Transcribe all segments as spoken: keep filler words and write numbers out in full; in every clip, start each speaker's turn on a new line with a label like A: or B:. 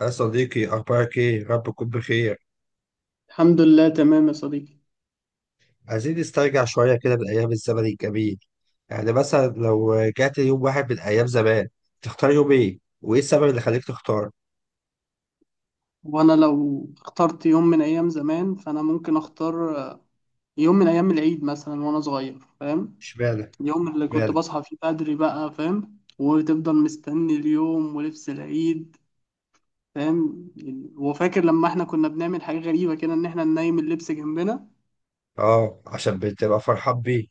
A: يا صديقي، أخبارك إيه؟ رب تكون بخير.
B: الحمد لله، تمام يا صديقي.
A: عايزين نسترجع شوية كده بالأيام الزمن الجميل. يعني مثلا لو رجعت يوم واحد من أيام زمان، تختار يوم إيه؟ وإيه السبب اللي خليك تختار؟
B: وانا لو اخترت يوم من ايام زمان فانا ممكن اختار يوم من ايام العيد مثلا وانا صغير. فاهم؟
A: إشمعنى؟
B: اليوم اللي كنت
A: إشمعنى؟
B: بصحى فيه بدري بقى، فاهم، وتفضل مستني اليوم ولبس العيد. فاهم؟ وفاكر لما احنا كنا بنعمل حاجة غريبة كده ان احنا ننيم اللبس جنبنا.
A: آه، عشان بتبقى فرحان بيه.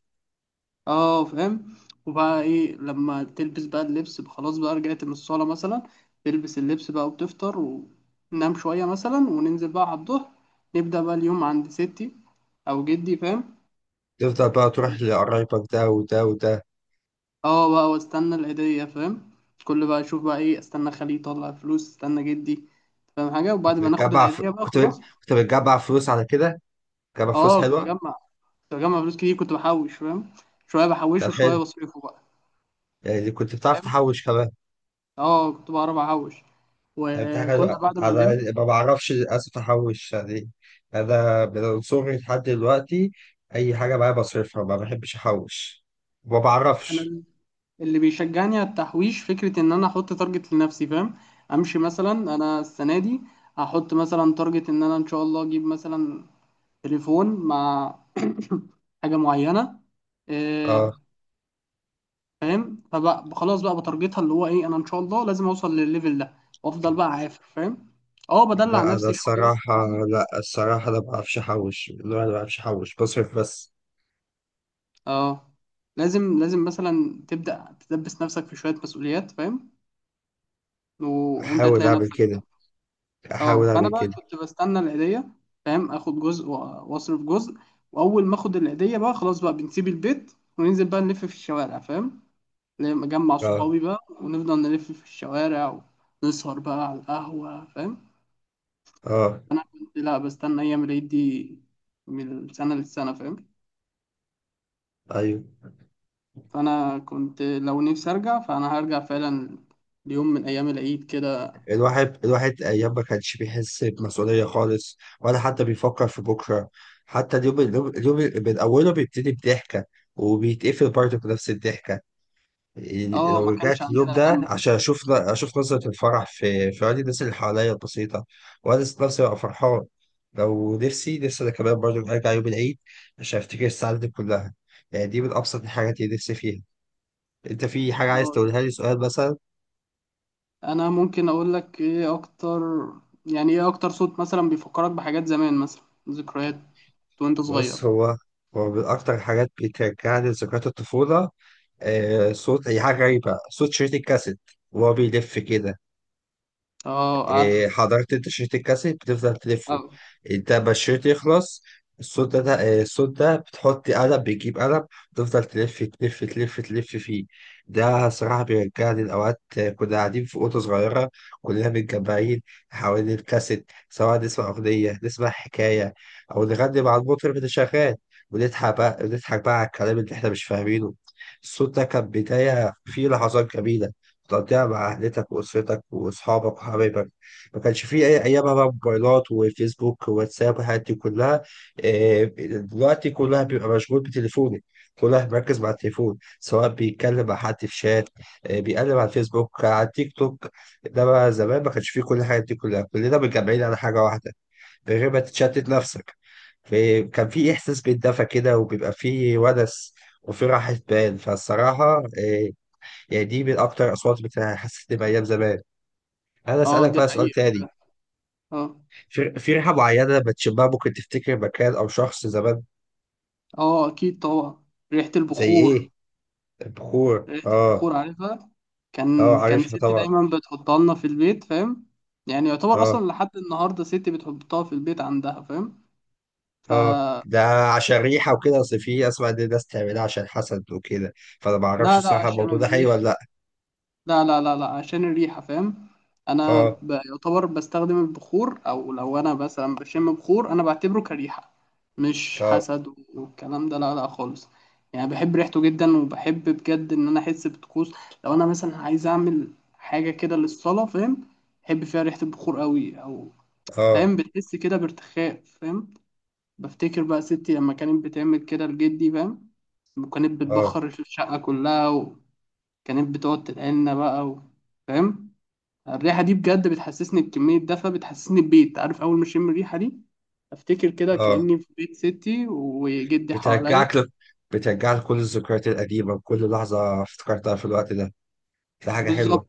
B: اه فاهم. وبقى ايه لما تلبس بقى اللبس خلاص، بقى رجعت من الصالة مثلا، تلبس اللبس بقى وتفطر وننام شوية مثلا، وننزل بقى على الظهر نبدأ بقى اليوم عند ستي أو جدي. فاهم؟
A: تفضل بقى تروح لقرايبك ده وده وده.
B: اه، بقى واستنى العيدية. فاهم؟ كل بقى اشوف بقى ايه، استنى خالي يطلع فلوس، استنى جدي. فاهم؟ حاجة، وبعد
A: كنت
B: ما ناخد
A: بتجمع ف...
B: العيدية بقى
A: كنت
B: خلاص.
A: كنت بتجمع فلوس على كده؟ بتجمع فلوس
B: اه كنت
A: حلوة؟
B: بجمع كنت بجمع فلوس كتير، كنت بحوش. فاهم؟ شوية
A: ده
B: بحوشه وشوية
A: حلو،
B: بصرفه بقى.
A: يعني كنت بتعرف
B: فاهم؟
A: تحوش كمان.
B: اه كنت بعرف احوش.
A: دي
B: وكنا
A: حاجة
B: بعد ما
A: أنا
B: نلم،
A: ما بعرفش للأسف أحوش، يعني أنا من صغري لحد دلوقتي أي حاجة معايا بصرفها، ما بحبش أحوش، ما بعرفش.
B: انا اللي بيشجعني على التحويش فكرة إن أنا أحط تارجت لنفسي. فاهم؟ أمشي مثلا، أنا السنة دي هحط مثلا تارجت إن أنا إن شاء الله أجيب مثلا تليفون مع حاجة معينة.
A: اه،
B: آه، فاهم؟ فبقى خلاص بقى بتارجتها اللي هو إيه، أنا إن شاء الله لازم أوصل للليفل ده، وأفضل بقى عافر. فاهم؟ أه، بدلع
A: لا أنا
B: نفسي شوية
A: الصراحة،
B: بعمل.
A: لا الصراحة أنا ما بعرفش أحوش، لا أنا ما بعرفش أحوش، بصرف بس.
B: أه، لازم لازم مثلا تبدأ تدبس نفسك في شوية مسؤوليات. فاهم؟ وأنت
A: أحاول
B: هتلاقي
A: أعمل
B: نفسك.
A: كده،
B: اه،
A: أحاول أعمل
B: فانا بقى
A: كده.
B: كنت بستنى العيديه، فاهم، اخد جزء و- واصرف جزء. واول ما اخد العيديه بقى خلاص، بقى بنسيب البيت وننزل بقى نلف في الشوارع. فاهم؟ لما اجمع
A: اه.
B: صحابي بقى ونفضل نلف في الشوارع، ونسهر بقى على القهوه. فاهم؟
A: اه.
B: انا كنت لا بستنى ايام العيد دي من السنه للسنه. فاهم؟
A: أيوه.
B: فانا كنت لو نفسي ارجع فانا هرجع فعلا ليوم من ايام العيد كده.
A: الواحد الواحد أيام ما كانش بيحس بمسؤولية خالص ولا حتى بيفكر في بكرة. حتى اليوم اليوم اليوم من أوله بيبتدي بضحكة وبيتقفل برضه بنفس الضحكة. يعني
B: اه
A: لو
B: ما كانش
A: رجعت اليوم
B: عندنا
A: ده
B: هم.
A: عشان أشوف أشوف نظرة الفرح في في عيون الناس اللي حواليا البسيطة. وأنا ذات نفسي ببقى فرحان، لو نفسي نفسي أنا كمان برضه أرجع يوم العيد عشان أفتكر السعادة دي كلها. يعني دي من أبسط الحاجات اللي نفسي فيها. أنت في حاجة عايز
B: اه ده
A: تقولها لي، سؤال مثلا؟
B: انا ممكن اقول لك ايه اكتر، يعني ايه اكتر صوت مثلا بيفكرك بحاجات زمان مثلا، ذكريات وانت صغير.
A: بص، هو هو من أكتر حاجات بترجعني لذكريات الطفولة آه، صوت، هي حاجة غريبة، صوت شريط الكاسيت وهو بيلف كده.
B: اه عارف.
A: إيه، حضرت انت شريط الكاسيت بتفضل تلفه؟
B: اه.
A: انت ما الشريط يخلص، الصوت ده ده- إيه، الصوت ده بتحط قلم، بتجيب قلم تفضل تلف تلف تلف تلف فيه. ده صراحة بيرجعني لأوقات آه، كنا قاعدين في أوضة صغيرة كلنا متجمعين حوالين الكاسيت، سواء نسمع أغنية، نسمع حكاية، أو نغني مع المطرب اللي شغال، ونضحك بقى، نضحك بقى على الكلام اللي إحنا مش فاهمينه. الصوت ده كان بداية فيه لحظات جميلة تقضيها مع أهلتك وأسرتك وأصحابك وحبايبك. ما كانش فيه أي أيامها بقى موبايلات وفيسبوك وواتساب والحاجات دي كلها. آه، دلوقتي كلها بيبقى مشغول بتليفونه، كلها مركز مع التليفون، سواء بيتكلم مع حد في شات آه، بيقلب على الفيسبوك، على التيك توك. ده بقى زمان ما كانش فيه كل الحاجات دي كلها، كلنا متجمعين على حاجة واحدة من غير ما تتشتت نفسك. فكان في إحساس بالدفى كده، وبيبقى فيه ونس وفي راحة بال، فالصراحة آه، يعني دي من أكتر الأصوات اللي حسيت بأيام زمان. أنا
B: اه
A: أسألك
B: دي
A: بقى سؤال
B: حقيقة.
A: تاني،
B: اه.
A: في في ريحة معينة بتشمها ممكن تفتكر مكان أو شخص زمان؟
B: اه اكيد طبعا، ريحة
A: زي
B: البخور.
A: إيه؟ البخور
B: ريحة
A: آه.
B: البخور عارفها.
A: آه،
B: كان كان
A: عارفها
B: ستي
A: طبعا.
B: دايما بتحطها لنا في البيت. فاهم؟ يعني يعتبر
A: آه.
B: اصلا لحد النهارده ستي بتحطها في البيت عندها. فاهم؟ ف
A: آه. ده عشان ريحة وكده، أصل في أسمع إن الناس تعملها عشان حسد وكده، فأنا معرفش
B: لا لا،
A: الصراحة
B: عشان
A: الموضوع ده حقيقي ولا
B: الريحة.
A: لأ.
B: لا لا لا لا، عشان الريحة. فاهم؟ أنا
A: آه.
B: ب- يعتبر بستخدم البخور، أو لو أنا مثلا بشم بخور أنا بعتبره كريحة، مش
A: آه.
B: حسد. والكلام ده لا لا خالص. يعني بحب ريحته جدا، وبحب بجد إن أنا أحس بطقوس لو أنا مثلا عايز أعمل حاجة كده للصلاة. فاهم؟ بحب فيها ريحة البخور قوي. أو
A: آه.
B: فاهم، بتحس كده بارتخاء. فاهم؟ بفتكر بقى ستي لما كانت بتعمل كده لجدي. فاهم؟ وكانت
A: آه.
B: بتبخر الشقة كلها، كانت بتقعد تدقلنا بقى و... فاهم. الريحة دي بجد بتحسسني بكمية دفى، بتحسسني ببيت، عارف. أول ما أشم الريحة دي أفتكر كده
A: آه.
B: كأني في بيت ستي وجدي حواليا.
A: بترجعك ل... بترجعك كل الذكريات القديمة وكل لحظة افتكرتها في الوقت ده. دي حاجة حلوة.
B: بالظبط.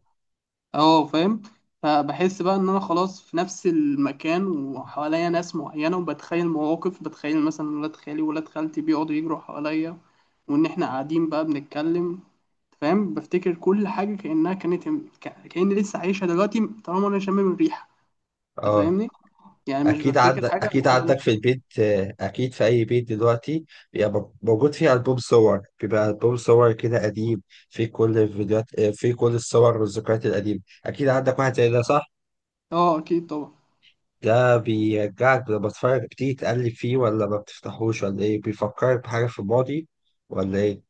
B: أه فاهم. فبحس بقى إن أنا خلاص في نفس المكان، وحواليا ناس معينة، وبتخيل مواقف، بتخيل مثلا ولاد خالي وولاد خالتي بيقعدوا يجروا حواليا، وإن إحنا قاعدين بقى بنتكلم. فاهم؟ بفتكر كل حاجة كأنها كانت، كأني لسه عايشها دلوقتي طالما أنا شامم الريحة. أنت
A: آه،
B: فاهمني؟ يعني مش
A: اكيد عد...
B: بفتكر حاجة
A: اكيد
B: لحد ما انا
A: عندك في
B: افتكر.
A: البيت آه، اكيد في اي بيت دلوقتي بيبقى م- موجود فيه البوم صور، بيبقى البوم صور كده قديم في كل الفيديوهات آه، في كل الصور والذكريات القديمه. اكيد عندك واحد زي ده، صح؟
B: اه اكيد طبعا.
A: ده بيرجعك لما تتفرج؟ بتيجي تقلب فيه ولا ما بتفتحوش ولا ايه؟ بيفكرك بحاجه في الماضي ولا ايه؟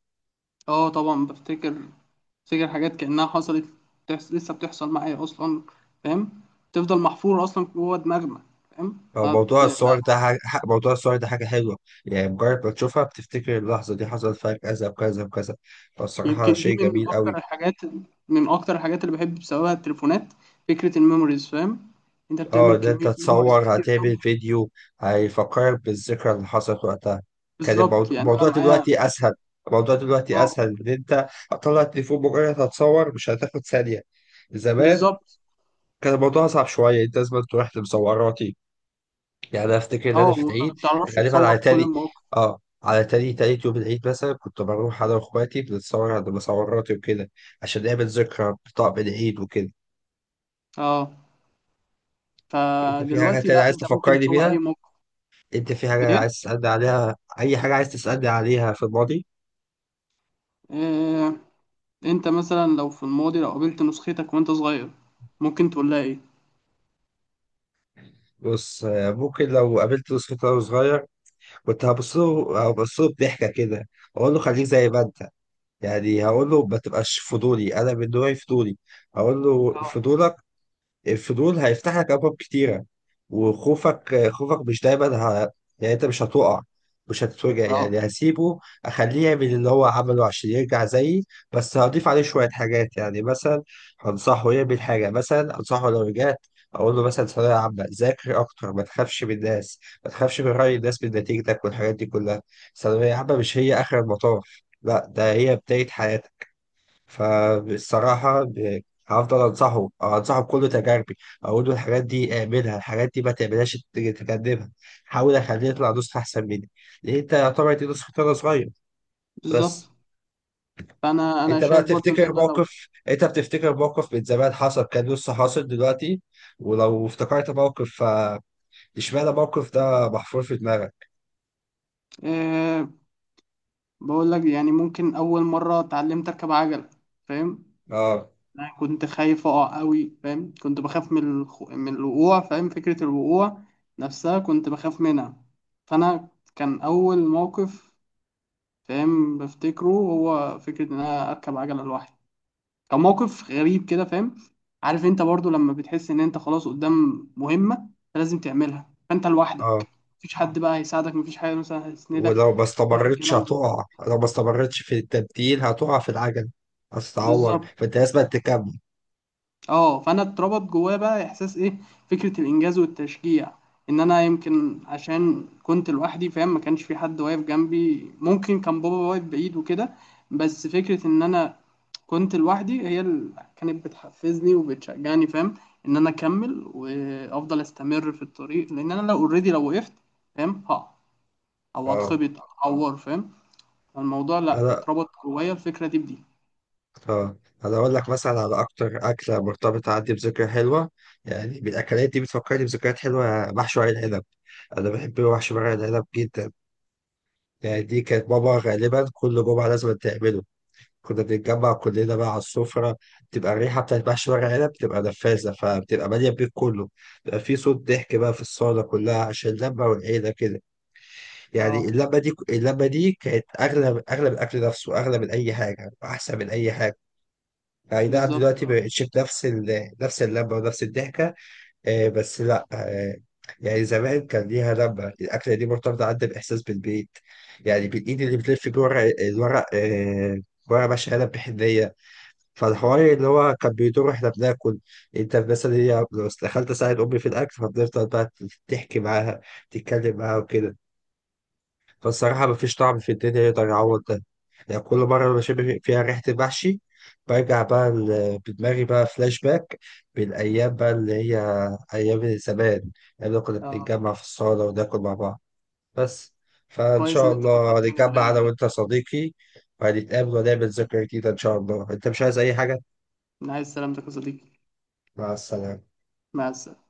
B: اه طبعا بفتكر بفتكر حاجات كأنها حصلت. بتحس... لسه بتحصل معايا اصلا. فاهم؟ تفضل محفورة اصلا جوه دماغنا. فاهم؟
A: هو
B: ما
A: موضوع
B: بت... ما...
A: الصور ده حاجة... ح- موضوع الصور ده حاجه حلوه، يعني مجرد ما تشوفها بتفتكر اللحظه دي حصل فيها كذا وكذا وكذا. فالصراحه
B: يمكن دي
A: شيء
B: من
A: جميل قوي.
B: اكتر الحاجات، من اكتر الحاجات اللي بحب بسببها التليفونات، فكرة الميموريز. فاهم؟ انت
A: اه،
B: بتعمل
A: ان انت
B: كمية ميموريز
A: تصور
B: كتير قوي.
A: هتعمل فيديو هيفكرك بالذكرى اللي حصلت وقتها. كان
B: بالظبط.
A: الموضوع
B: يعني انا
A: الموضوع
B: معايا.
A: دلوقتي اسهل، الموضوع دلوقتي
B: اه.
A: اسهل، ان انت هتطلع التليفون مجرد هتصور مش هتاخد ثانية. زمان
B: بالظبط.
A: كان الموضوع صعب شوية، انت لازم تروح لمصوراتي. يعني انا افتكر ان
B: اه
A: انا في
B: وما
A: العيد
B: بتعرفش
A: غالبا
B: تصور
A: على
B: كل
A: تاني،
B: المواقف.
A: اه على تاني تالت يوم العيد مثلا كنت بروح انا واخواتي بنتصور عند مصوراتي وكده، عشان نعمل ذكرى بطقم العيد وكده.
B: اه،
A: انت في حاجة
B: فدلوقتي
A: تانية
B: لا،
A: عايز
B: انت ممكن
A: تفكرني
B: تصور اي
A: بيها؟
B: موقف.
A: انت في حاجة
B: ايه؟
A: عايز تسألني عليها؟ أي حاجة عايز تسألني عليها في الماضي.
B: آه، انت مثلا لو في الماضي لو قابلت نسختك وانت صغير، ممكن تقول لها ايه؟
A: بص آه، ممكن لو قابلت يوسف وهو صغير كنت هبص له هبص له بضحكة كده، أقول له خليك زي ما أنت. يعني هقول له ما تبقاش فضولي، أنا من نوعي فضولي. أقول له
B: اه.
A: فضولك، الفضول هيفتح لك ابواب كتيره. وخوفك خوفك مش دايما ه... يعني انت مش هتقع، مش هتتوجع، يعني
B: اه
A: هسيبه اخليه يعمل اللي هو عمله عشان يرجع زيي. بس هضيف عليه شويه حاجات. يعني مثلا هنصحه يعمل حاجه، مثلا انصحه لو رجعت اقول له مثلا ثانويه عامه ذاكر اكتر، ما تخافش من الناس، ما تخافش من راي الناس، من نتيجتك والحاجات دي كلها. ثانويه عامه مش هي اخر المطاف، لا ده هي بدايه حياتك. فبصراحة ب- هفضل أنصحه أو أنصحه بكل تجاربي. أقول له الحاجات دي اعملها، الحاجات دي ما تعملهاش، ت- تجنبها. حاول أخليه يطلع نسخة أحسن مني، لأن أنت يعتبر دي نسخة أنا صغير.
B: بالظبط.
A: بس
B: فانا انا
A: أنت بقى
B: شايف برضو ان
A: تفتكر
B: انا لو.
A: موقف، أنت بتفتكر موقف من زمان حصل كان لسه حاصل دلوقتي؟ ولو افتكرت موقف ف- اشمعنى الموقف ده محفور في دماغك؟
B: آه. بقول لك، يعني ممكن اول مره اتعلمت اركب عجله. فاهم؟
A: أه.
B: انا كنت خايف اقع قوي. فاهم؟ كنت بخاف من الخ... من الوقوع. فاهم؟ فكره الوقوع نفسها كنت بخاف منها. فانا كان اول موقف. فاهم؟ بفتكره هو فكره ان انا اركب عجله لوحدي. كان موقف غريب كده. فاهم؟ عارف انت برضو لما بتحس ان انت خلاص قدام مهمة انت لازم تعملها، فانت
A: أه.
B: لوحدك، مفيش حد بقى هيساعدك، مفيش حاجة مثلا هيسندك،
A: ولو ما
B: مفيش
A: استمرتش
B: الكلام ده.
A: هتقع، لو ما استمرتش في التبديل هتقع في العجل، هتتعور،
B: بالظبط.
A: فأنت لازم تكمل.
B: اه، فانا اتربط جوايا بقى احساس ايه، فكره الانجاز والتشجيع. ان انا يمكن عشان كنت لوحدي، فاهم، ما كانش في حد واقف جنبي، ممكن كان بابا واقف بعيد وكده. بس فكره ان انا كنت لوحدي هي اللي كانت بتحفزني وبتشجعني. فاهم؟ ان انا اكمل وافضل استمر في الطريق، لان انا لو اوريدي، لو وقفت، فاهم، ها، او
A: اه.
B: اتخبط او اتعور. فاهم؟ الموضوع لا،
A: انا
B: اتربط جوايا الفكره دي بدي.
A: اه انا اقول لك مثلا على اكتر اكله مرتبطه عندي بذكرى حلوه. يعني بالاكلات دي بتفكرني بذكريات حلوه، محشي ورق العنب. انا بحب محشي ورق العنب جدا. يعني دي كانت ماما غالبا كل جمعه لازم تعمله. كنا بنتجمع كلنا بقى على السفره. بتبقى الريحه بتاعت محشي ورق العنب بتبقى نفاذه، فبتبقى ماليه البيت كله. بيبقى في صوت ضحك بقى في الصاله كلها عشان اللمه والعيله كده. يعني
B: اه
A: اللمه دي اللمه دي كانت اغلى، اغلى من الاكل نفسه، اغلى من اي حاجه، احسن من اي حاجه. اي نعم
B: بالظبط.
A: دلوقتي ما
B: اه.
A: بقتش بنفس ال- نفس اللمه ونفس الضحكه آه، بس لا آه، يعني زمان كان ليها لمه. الاكله دي مرتبطه عندي باحساس بالبيت. يعني بالايد اللي بتلف جوه الورق الورق آه، ورق ماشي قلم بحنيه، فالحوار اللي هو كان بيدور واحنا بناكل. انت مثلا هي لو دخلت اساعد امي في الاكل فبنفضل بقى تحكي معاها، تتكلم معاها وكده. فالصراحة مفيش طعم في الدنيا يقدر يعوض ده. يعني كل مرة بشم فيها ريحة المحشي برجع بقى ل- بدماغي بقى فلاش باك بالأيام بقى اللي هي أيام زمان، أيام اللي كنا
B: آه.
A: بنتجمع في الصالة وناكل مع بعض. بس، فإن
B: كويس
A: شاء
B: ان انت
A: الله
B: فكرتني
A: نتجمع أنا
B: بالايام دي.
A: وأنت يا صديقي، وهنتقابل ونعمل ذكرى جديدة إن شاء الله. أنت مش عايز أي حاجة؟
B: من عايز سلامتك يا صديقي.
A: مع السلامة.
B: مع السلامة.